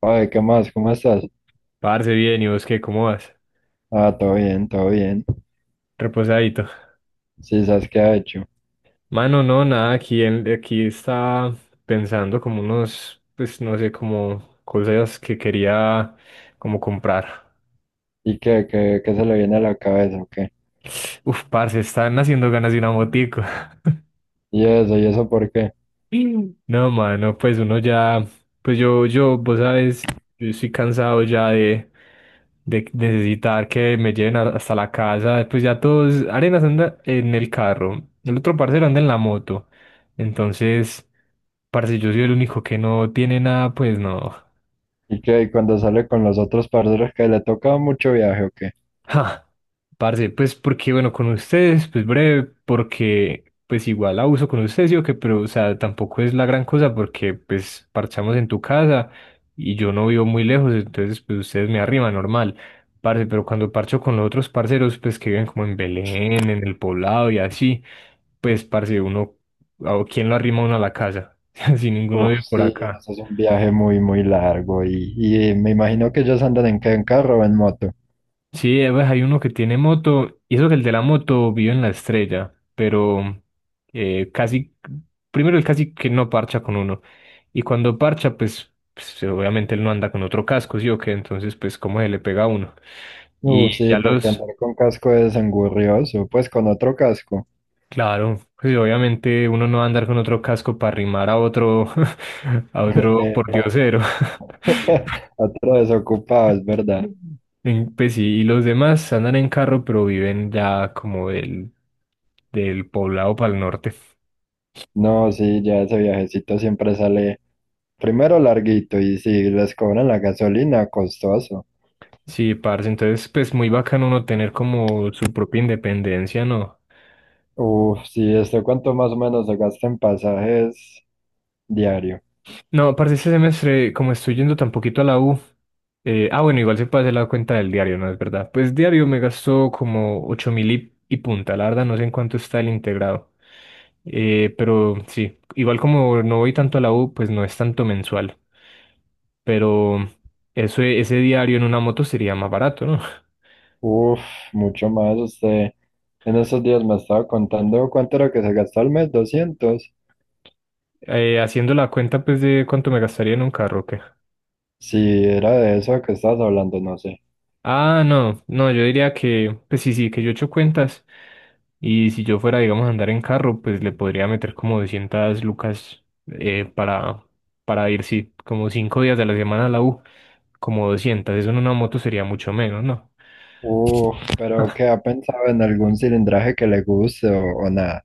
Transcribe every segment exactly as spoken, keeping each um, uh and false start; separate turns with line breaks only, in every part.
Oye, ¿qué más? ¿Cómo estás?
Parce, bien, ¿y vos qué? ¿Cómo vas?
Ah, todo bien, todo bien.
Reposadito.
Sí, ¿sabes qué ha hecho?
Mano, no, nada, aquí, en- aquí está pensando como unos, pues no sé, como cosas que quería como comprar.
¿Y qué, qué, qué se le viene a la cabeza o qué?
Uf, parce, están haciendo ganas de una motico.
¿Y eso? ¿Y eso por qué?
No, mano, pues uno ya, pues yo, yo, vos sabes, yo estoy cansado ya de, de necesitar que me lleven a- hasta la casa. Pues ya todos, Arenas anda en el carro, el otro parcero anda en la moto. Entonces, parce, yo soy el único que no tiene nada, pues no.
¿Y qué? ¿Y cuando sale con los otros parceros que le toca mucho viaje o qué?
Ja, parce, pues porque bueno, con ustedes, pues breve, porque pues igual abuso con ustedes, sí o qué, pero o sea, tampoco es la gran cosa porque pues parchamos en tu casa y yo no vivo muy lejos, entonces pues ustedes me arriman, normal, parce, pero cuando parcho con los otros parceros, pues que viven como en Belén, en el poblado y así, pues parce, uno, ¿a ¿quién lo arrima uno a la casa? Si ninguno
Uf,
vive por
sí,
acá.
eso es un viaje muy, muy largo y, y me imagino que ellos andan en qué, en carro o en moto.
Sí, eh, pues, hay uno que tiene moto, y eso que el de la moto vive en la estrella, pero eh, casi, primero él casi que no parcha con uno, y cuando parcha, pues, pues, obviamente él no anda con otro casco, ¿sí o qué? Entonces, pues, ¿cómo se le pega a uno? Y
Uf, sí,
ya
porque
los,
andar con casco es engurrioso, pues con otro casco.
claro, pues obviamente uno no va a andar con otro casco para rimar a otro, a otro
Epa,
pordiosero.
otro desocupado, es verdad.
En- Pues sí, y los demás andan en carro, pero viven ya como del, del poblado para el norte.
No, sí, ya ese viajecito siempre sale primero larguito y si les cobran la gasolina, costoso.
Sí, parce, entonces pues muy bacano uno tener como su propia independencia, ¿no?
Uf, si esto cuánto más o menos se gasta en pasajes diario.
No, parce, este semestre, como estoy yendo tan poquito a la U, eh, ah, bueno, igual se puede hacer la cuenta del diario, ¿no? Es verdad. Pues diario me gastó como ocho mil y, y punta, la verdad, no sé en cuánto está el integrado. Eh, pero sí, igual como no voy tanto a la U, pues no es tanto mensual, pero eso, ese diario en una moto sería más barato, ¿no?
Uf, mucho más. Usted en esos días me estaba contando cuánto era que se gastó al mes, doscientos.
Eh, haciendo la cuenta, pues, de cuánto me gastaría en un carro, ¿o ¿qué?
Si era de eso que estabas hablando, no sé.
Ah, no, no, yo diría que, pues sí, sí, que yo echo cuentas. Y si yo fuera, digamos, a andar en carro, pues le podría meter como doscientas lucas eh, para, para ir, sí, como cinco días de la semana a la U, como doscientas. Eso en una moto sería mucho menos, ¿no?
Uf, pero
Ah,
¿qué ha pensado en algún cilindraje que le guste o, o nada?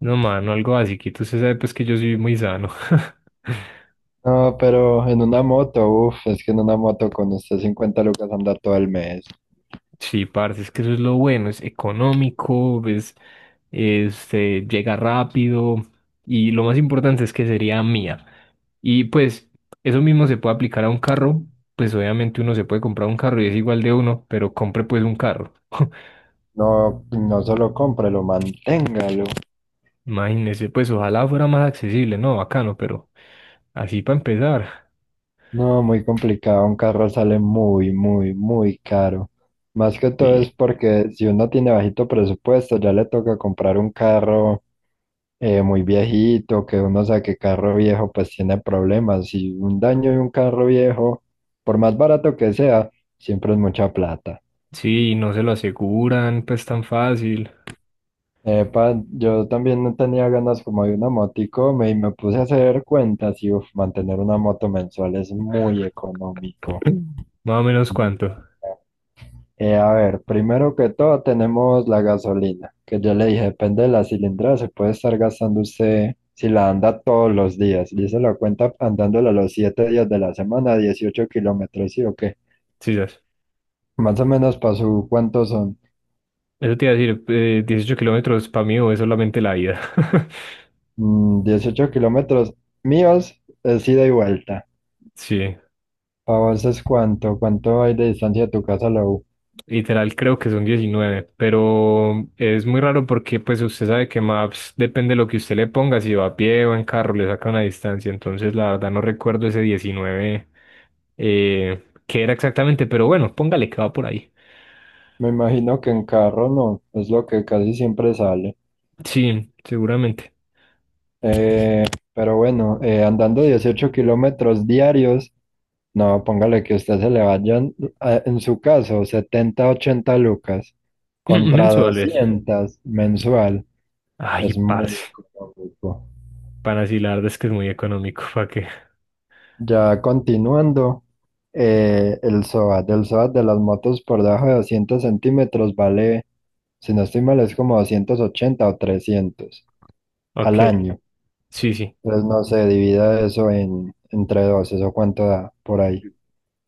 no, mano, algo así, que tú se sabe, pues que yo soy muy sano.
No, pero en una moto, uf, es que en una moto con usted cincuenta lucas andar todo el mes.
Sí, parce, es que eso es lo bueno, es económico, ves, este, llega rápido y lo más importante es que sería mía. Y pues eso mismo se puede aplicar a un carro, pues obviamente uno se puede comprar un carro y es igual de uno, pero compre pues un carro.
No, no solo cómprelo, manténgalo.
Imagínese, pues ojalá fuera más accesible, ¿no? Bacano, pero así para empezar.
No, muy complicado. Un carro sale muy, muy, muy caro. Más que todo es
Sí.
porque si uno tiene bajito presupuesto, ya le toca comprar un carro eh, muy viejito, que uno sabe que carro viejo pues tiene problemas. Y un daño de un carro viejo, por más barato que sea, siempre es mucha plata.
Sí, no se lo aseguran, pues tan fácil.
Epa, yo también no tenía ganas como de una motico me, y me puse a hacer cuentas y uf, mantener una moto mensual es muy económico.
Más o menos cuánto.
Eh, a ver, primero que todo tenemos la gasolina, que yo le dije, depende de la cilindrada, se puede estar gastando usted si la anda todos los días. Y se la cuenta andándola los siete días de la semana, dieciocho kilómetros, ¿sí o qué?
Sí, ya.
Más o menos para su, ¿cuántos son?
Eso te iba a decir, eh, dieciocho kilómetros para mí o es solamente la ida.
Mm, dieciocho kilómetros míos, es ida y vuelta.
Sí.
¿Para vos es cuánto? ¿Cuánto hay de distancia de tu casa a la U?
Literal, creo que son diecinueve pero es muy raro porque pues usted sabe que Maps depende de lo que usted le ponga, si va a pie o en carro, le saca una distancia, entonces la verdad no recuerdo ese diecinueve eh, qué era exactamente, pero bueno, póngale que va por ahí.
Me imagino que en carro no, es lo que casi siempre sale.
Sí, seguramente.
Eh, pero bueno, eh, andando dieciocho kilómetros diarios, no, póngale que usted se le vayan, eh, en su caso, setenta, ochenta lucas contra
Mensuales.
doscientas mensual,
Ay,
es muy
parce.
económico.
Para sí, la verdad es que es muy económico, ¿para qué?
Ya continuando, eh, el SOAT, el SOAT de las motos por debajo de doscientos centímetros vale. Si no estoy mal, es como doscientos ochenta o trescientos
Ok,
al año.
sí, sí.
Entonces no se divida eso en, entre dos, eso cuánto da por ahí.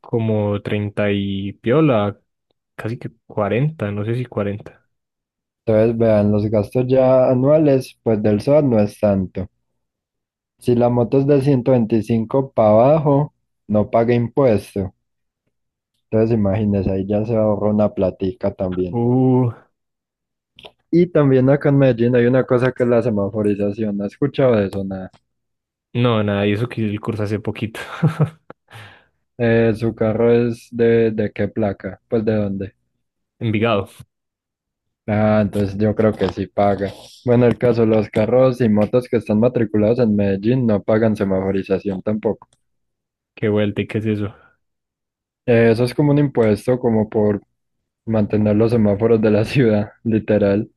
Como treinta y piola, casi que cuarenta no sé si cuarenta.
Entonces vean, los gastos ya anuales, pues del SOAT no es tanto. Si la moto es de ciento veinticinco para abajo, no paga impuesto. Entonces imagínense, ahí ya se ahorra una platica también.
Uh.
Y también acá en Medellín hay una cosa que es la semaforización. ¿Has escuchado de eso? Nada.
No, nada, y eso que el curso hace poquito.
Eh, ¿su carro es de, de qué placa? Pues de dónde.
Envigado,
Ah, entonces yo creo que sí paga. Bueno, el caso, los carros y motos que están matriculados en Medellín no pagan semaforización tampoco.
qué vuelta y qué es eso.
Eh, eso es como un impuesto como por mantener los semáforos de la ciudad, literal.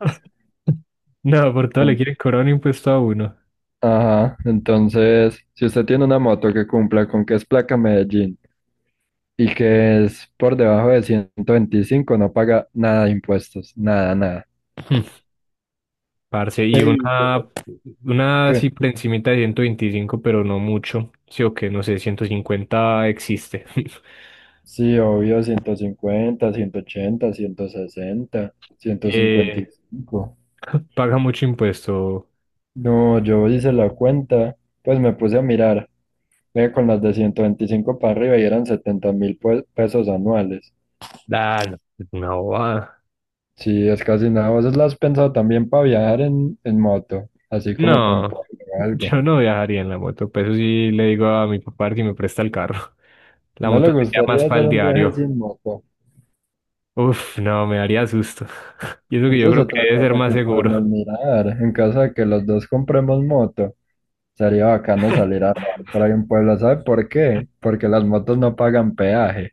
No, por todo le
Ent-
quieren cobrar un impuesto a uno.
Ajá, entonces, si usted tiene una moto que cumpla con que es placa Medellín y que es por debajo de ciento veinticinco, no paga nada de impuestos, nada, nada.
Mm, parce, y
Ey,
una, una así
¿qué?
por encimita de ciento veinticinco, pero no mucho. Sí o qué, no sé, ciento cincuenta existe.
Sí, obvio, ciento cincuenta ciento ochenta, ciento sesenta, ciento cincuenta y
Eh,
cinco.
paga mucho impuesto.
No, yo hice la cuenta, pues me puse a mirar, eh, con las de ciento veinticinco para arriba y eran setenta mil pesos anuales.
Ah, no, es una bobada.
Sí, es casi nada. ¿Vos las has pensado también para viajar en, en moto? Así como para un pueblo
No,
o algo.
yo no viajaría en la moto, pues eso sí le digo a mi papá que me presta el carro. La
¿No le
moto sería más
gustaría
para
hacer
el
un viaje
diario.
sin moto?
Uf, no, me daría susto. Y eso que yo
Esa es
creo que
otra
debe ser
cosa
más
que podemos
seguro.
mirar, en caso de que los dos compremos moto. Sería bacano salir a rodar por ahí un pueblo. ¿Sabe por qué? Porque las motos no pagan peaje.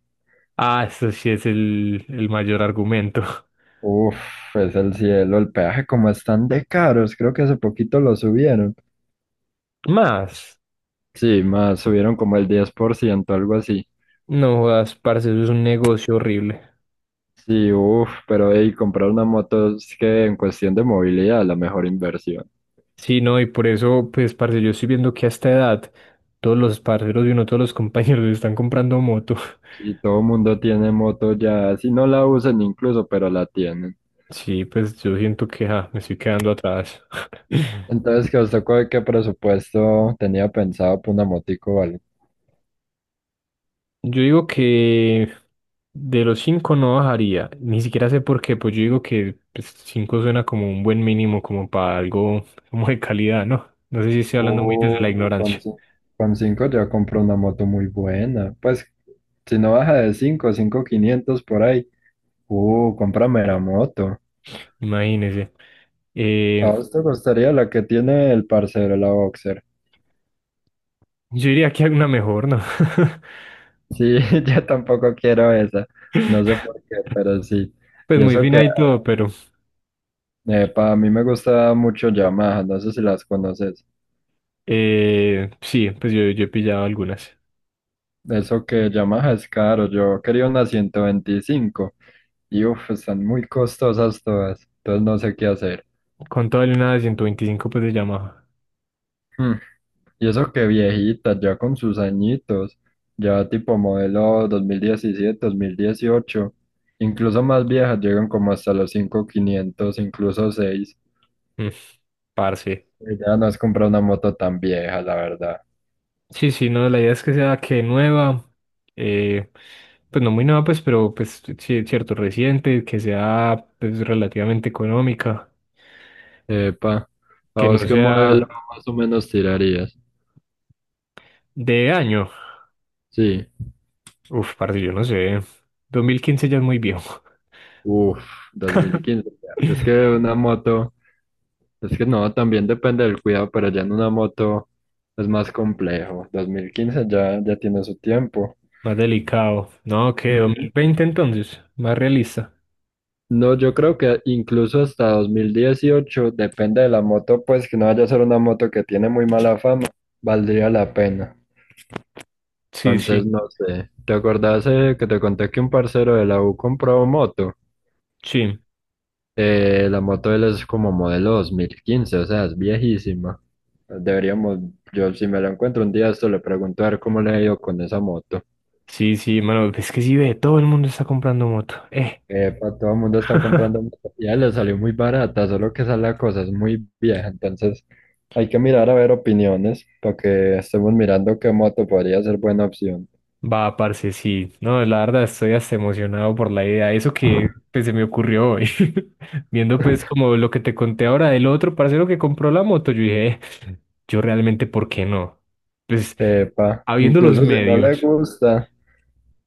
Ah, eso sí es el, el mayor argumento.
Uf, es el cielo. El peaje como están de caros. Creo que hace poquito lo subieron.
Más,
Sí, más subieron como el diez por ciento, algo así.
no jodas, parce, eso es un negocio horrible.
Sí, uf, pero hey, comprar una moto es que en cuestión de movilidad la mejor inversión.
Sí, no, y por eso, pues, parce, yo estoy viendo que a esta edad todos los parceros y uno, todos los compañeros están comprando moto.
Sí, todo el mundo tiene moto ya, si no la usan incluso, pero la tienen.
Sí, pues yo siento que ah, me estoy quedando atrás.
Entonces, ¿qué os tocó? ¿Qué presupuesto tenía pensado para una motico, o algo?
Yo digo que de los cinco no bajaría, ni siquiera sé por qué, pues yo digo que pues, cinco suena como un buen mínimo, como para algo como de calidad, ¿no? No sé si estoy hablando muy desde la
Uh, con,
ignorancia,
cin- con cinco ya compró una moto muy buena. Pues si no baja de cinco, cinco quinientos por ahí. Uh, cómprame la moto.
imagínese.
¿A
Eh,
vos te gustaría la que tiene el parcero, la Boxer?
yo diría que hay una mejor, ¿no?
Sí, yo tampoco quiero esa. No sé por qué, pero sí.
Pues
Y
muy
eso
fina
que,
y todo, pero
para mí me gusta mucho Yamaha, no sé si las conoces.
eh, sí, pues yo, yo he pillado algunas.
Eso que Yamaha es caro, yo quería una ciento veinticinco. Y uff, están muy costosas todas, entonces no sé qué hacer.
Con todo el una de ciento veinticinco pues de Yamaha.
Hmm, Y eso que viejita, ya con sus añitos, ya tipo modelo dos dos mil diecisiete dos mil dieciocho incluso más viejas llegan como hasta los cinco mil quinientos incluso seis.
Mm, parce.
Ya no has comprado una moto tan vieja, la verdad.
Sí, sí, no, la idea es que sea que nueva, eh, pues no muy nueva, pues, pero pues sí, cierto, reciente, que sea pues relativamente económica,
Epa, ¿a
que
vos
no
qué modelo
sea
más o menos tirarías?
de año.
Sí,
Uf, parce, yo no sé. Dos mil quince ya es muy viejo,
uff, dos mil quince ya. Es que una moto, es que no, también depende del cuidado, pero ya en una moto es más complejo. Dos mil quince ya, ya tiene su tiempo.
más delicado. No, que dos mil
Ujú.
veinte entonces, más realista.
No, yo creo que incluso hasta dos mil dieciocho, depende de la moto, pues que no vaya a ser una moto que tiene muy mala fama, valdría la pena.
Sí,
Entonces,
sí,
no sé. ¿Te acordás eh, que te conté que un parcero de la U compró moto?
sí,
Eh, la moto de él es como modelo dos mil quince, o sea, es viejísima. Deberíamos, yo si me la encuentro un día, esto le pregunto a ver cómo le ha ido con esa moto.
sí, sí, mano, es que sí ve, todo el mundo está comprando moto. Eh.
Epa, todo el mundo está comprando moto, ya le salió muy barata, solo que esa es la cosa, es muy vieja, entonces hay que mirar a ver opiniones para que estemos mirando qué moto podría ser buena opción.
Va, parce, sí. No, la verdad estoy hasta emocionado por la idea. Eso que pues, se me ocurrió hoy. Viendo pues como lo que te conté ahora del otro parcero que compró la moto, yo dije, "Eh, yo realmente, ¿por qué no? Pues,
Epa,
habiendo los
incluso si no le
medios."
gusta,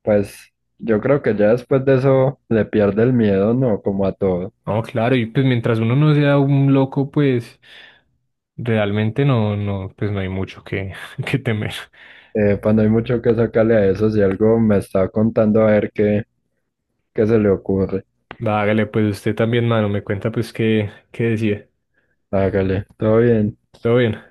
pues yo creo que ya después de eso le pierde el miedo, ¿no? Como a todo.
No, claro, y pues mientras uno no sea un loco, pues realmente no, no, pues no hay mucho que, que temer.
Epa, no hay mucho que sacarle a eso, si algo me está contando a ver qué, qué, se le ocurre.
Va, hágale, pues usted también, mano, me cuenta pues qué, qué decide.
Hágale, todo bien.
Todo bien.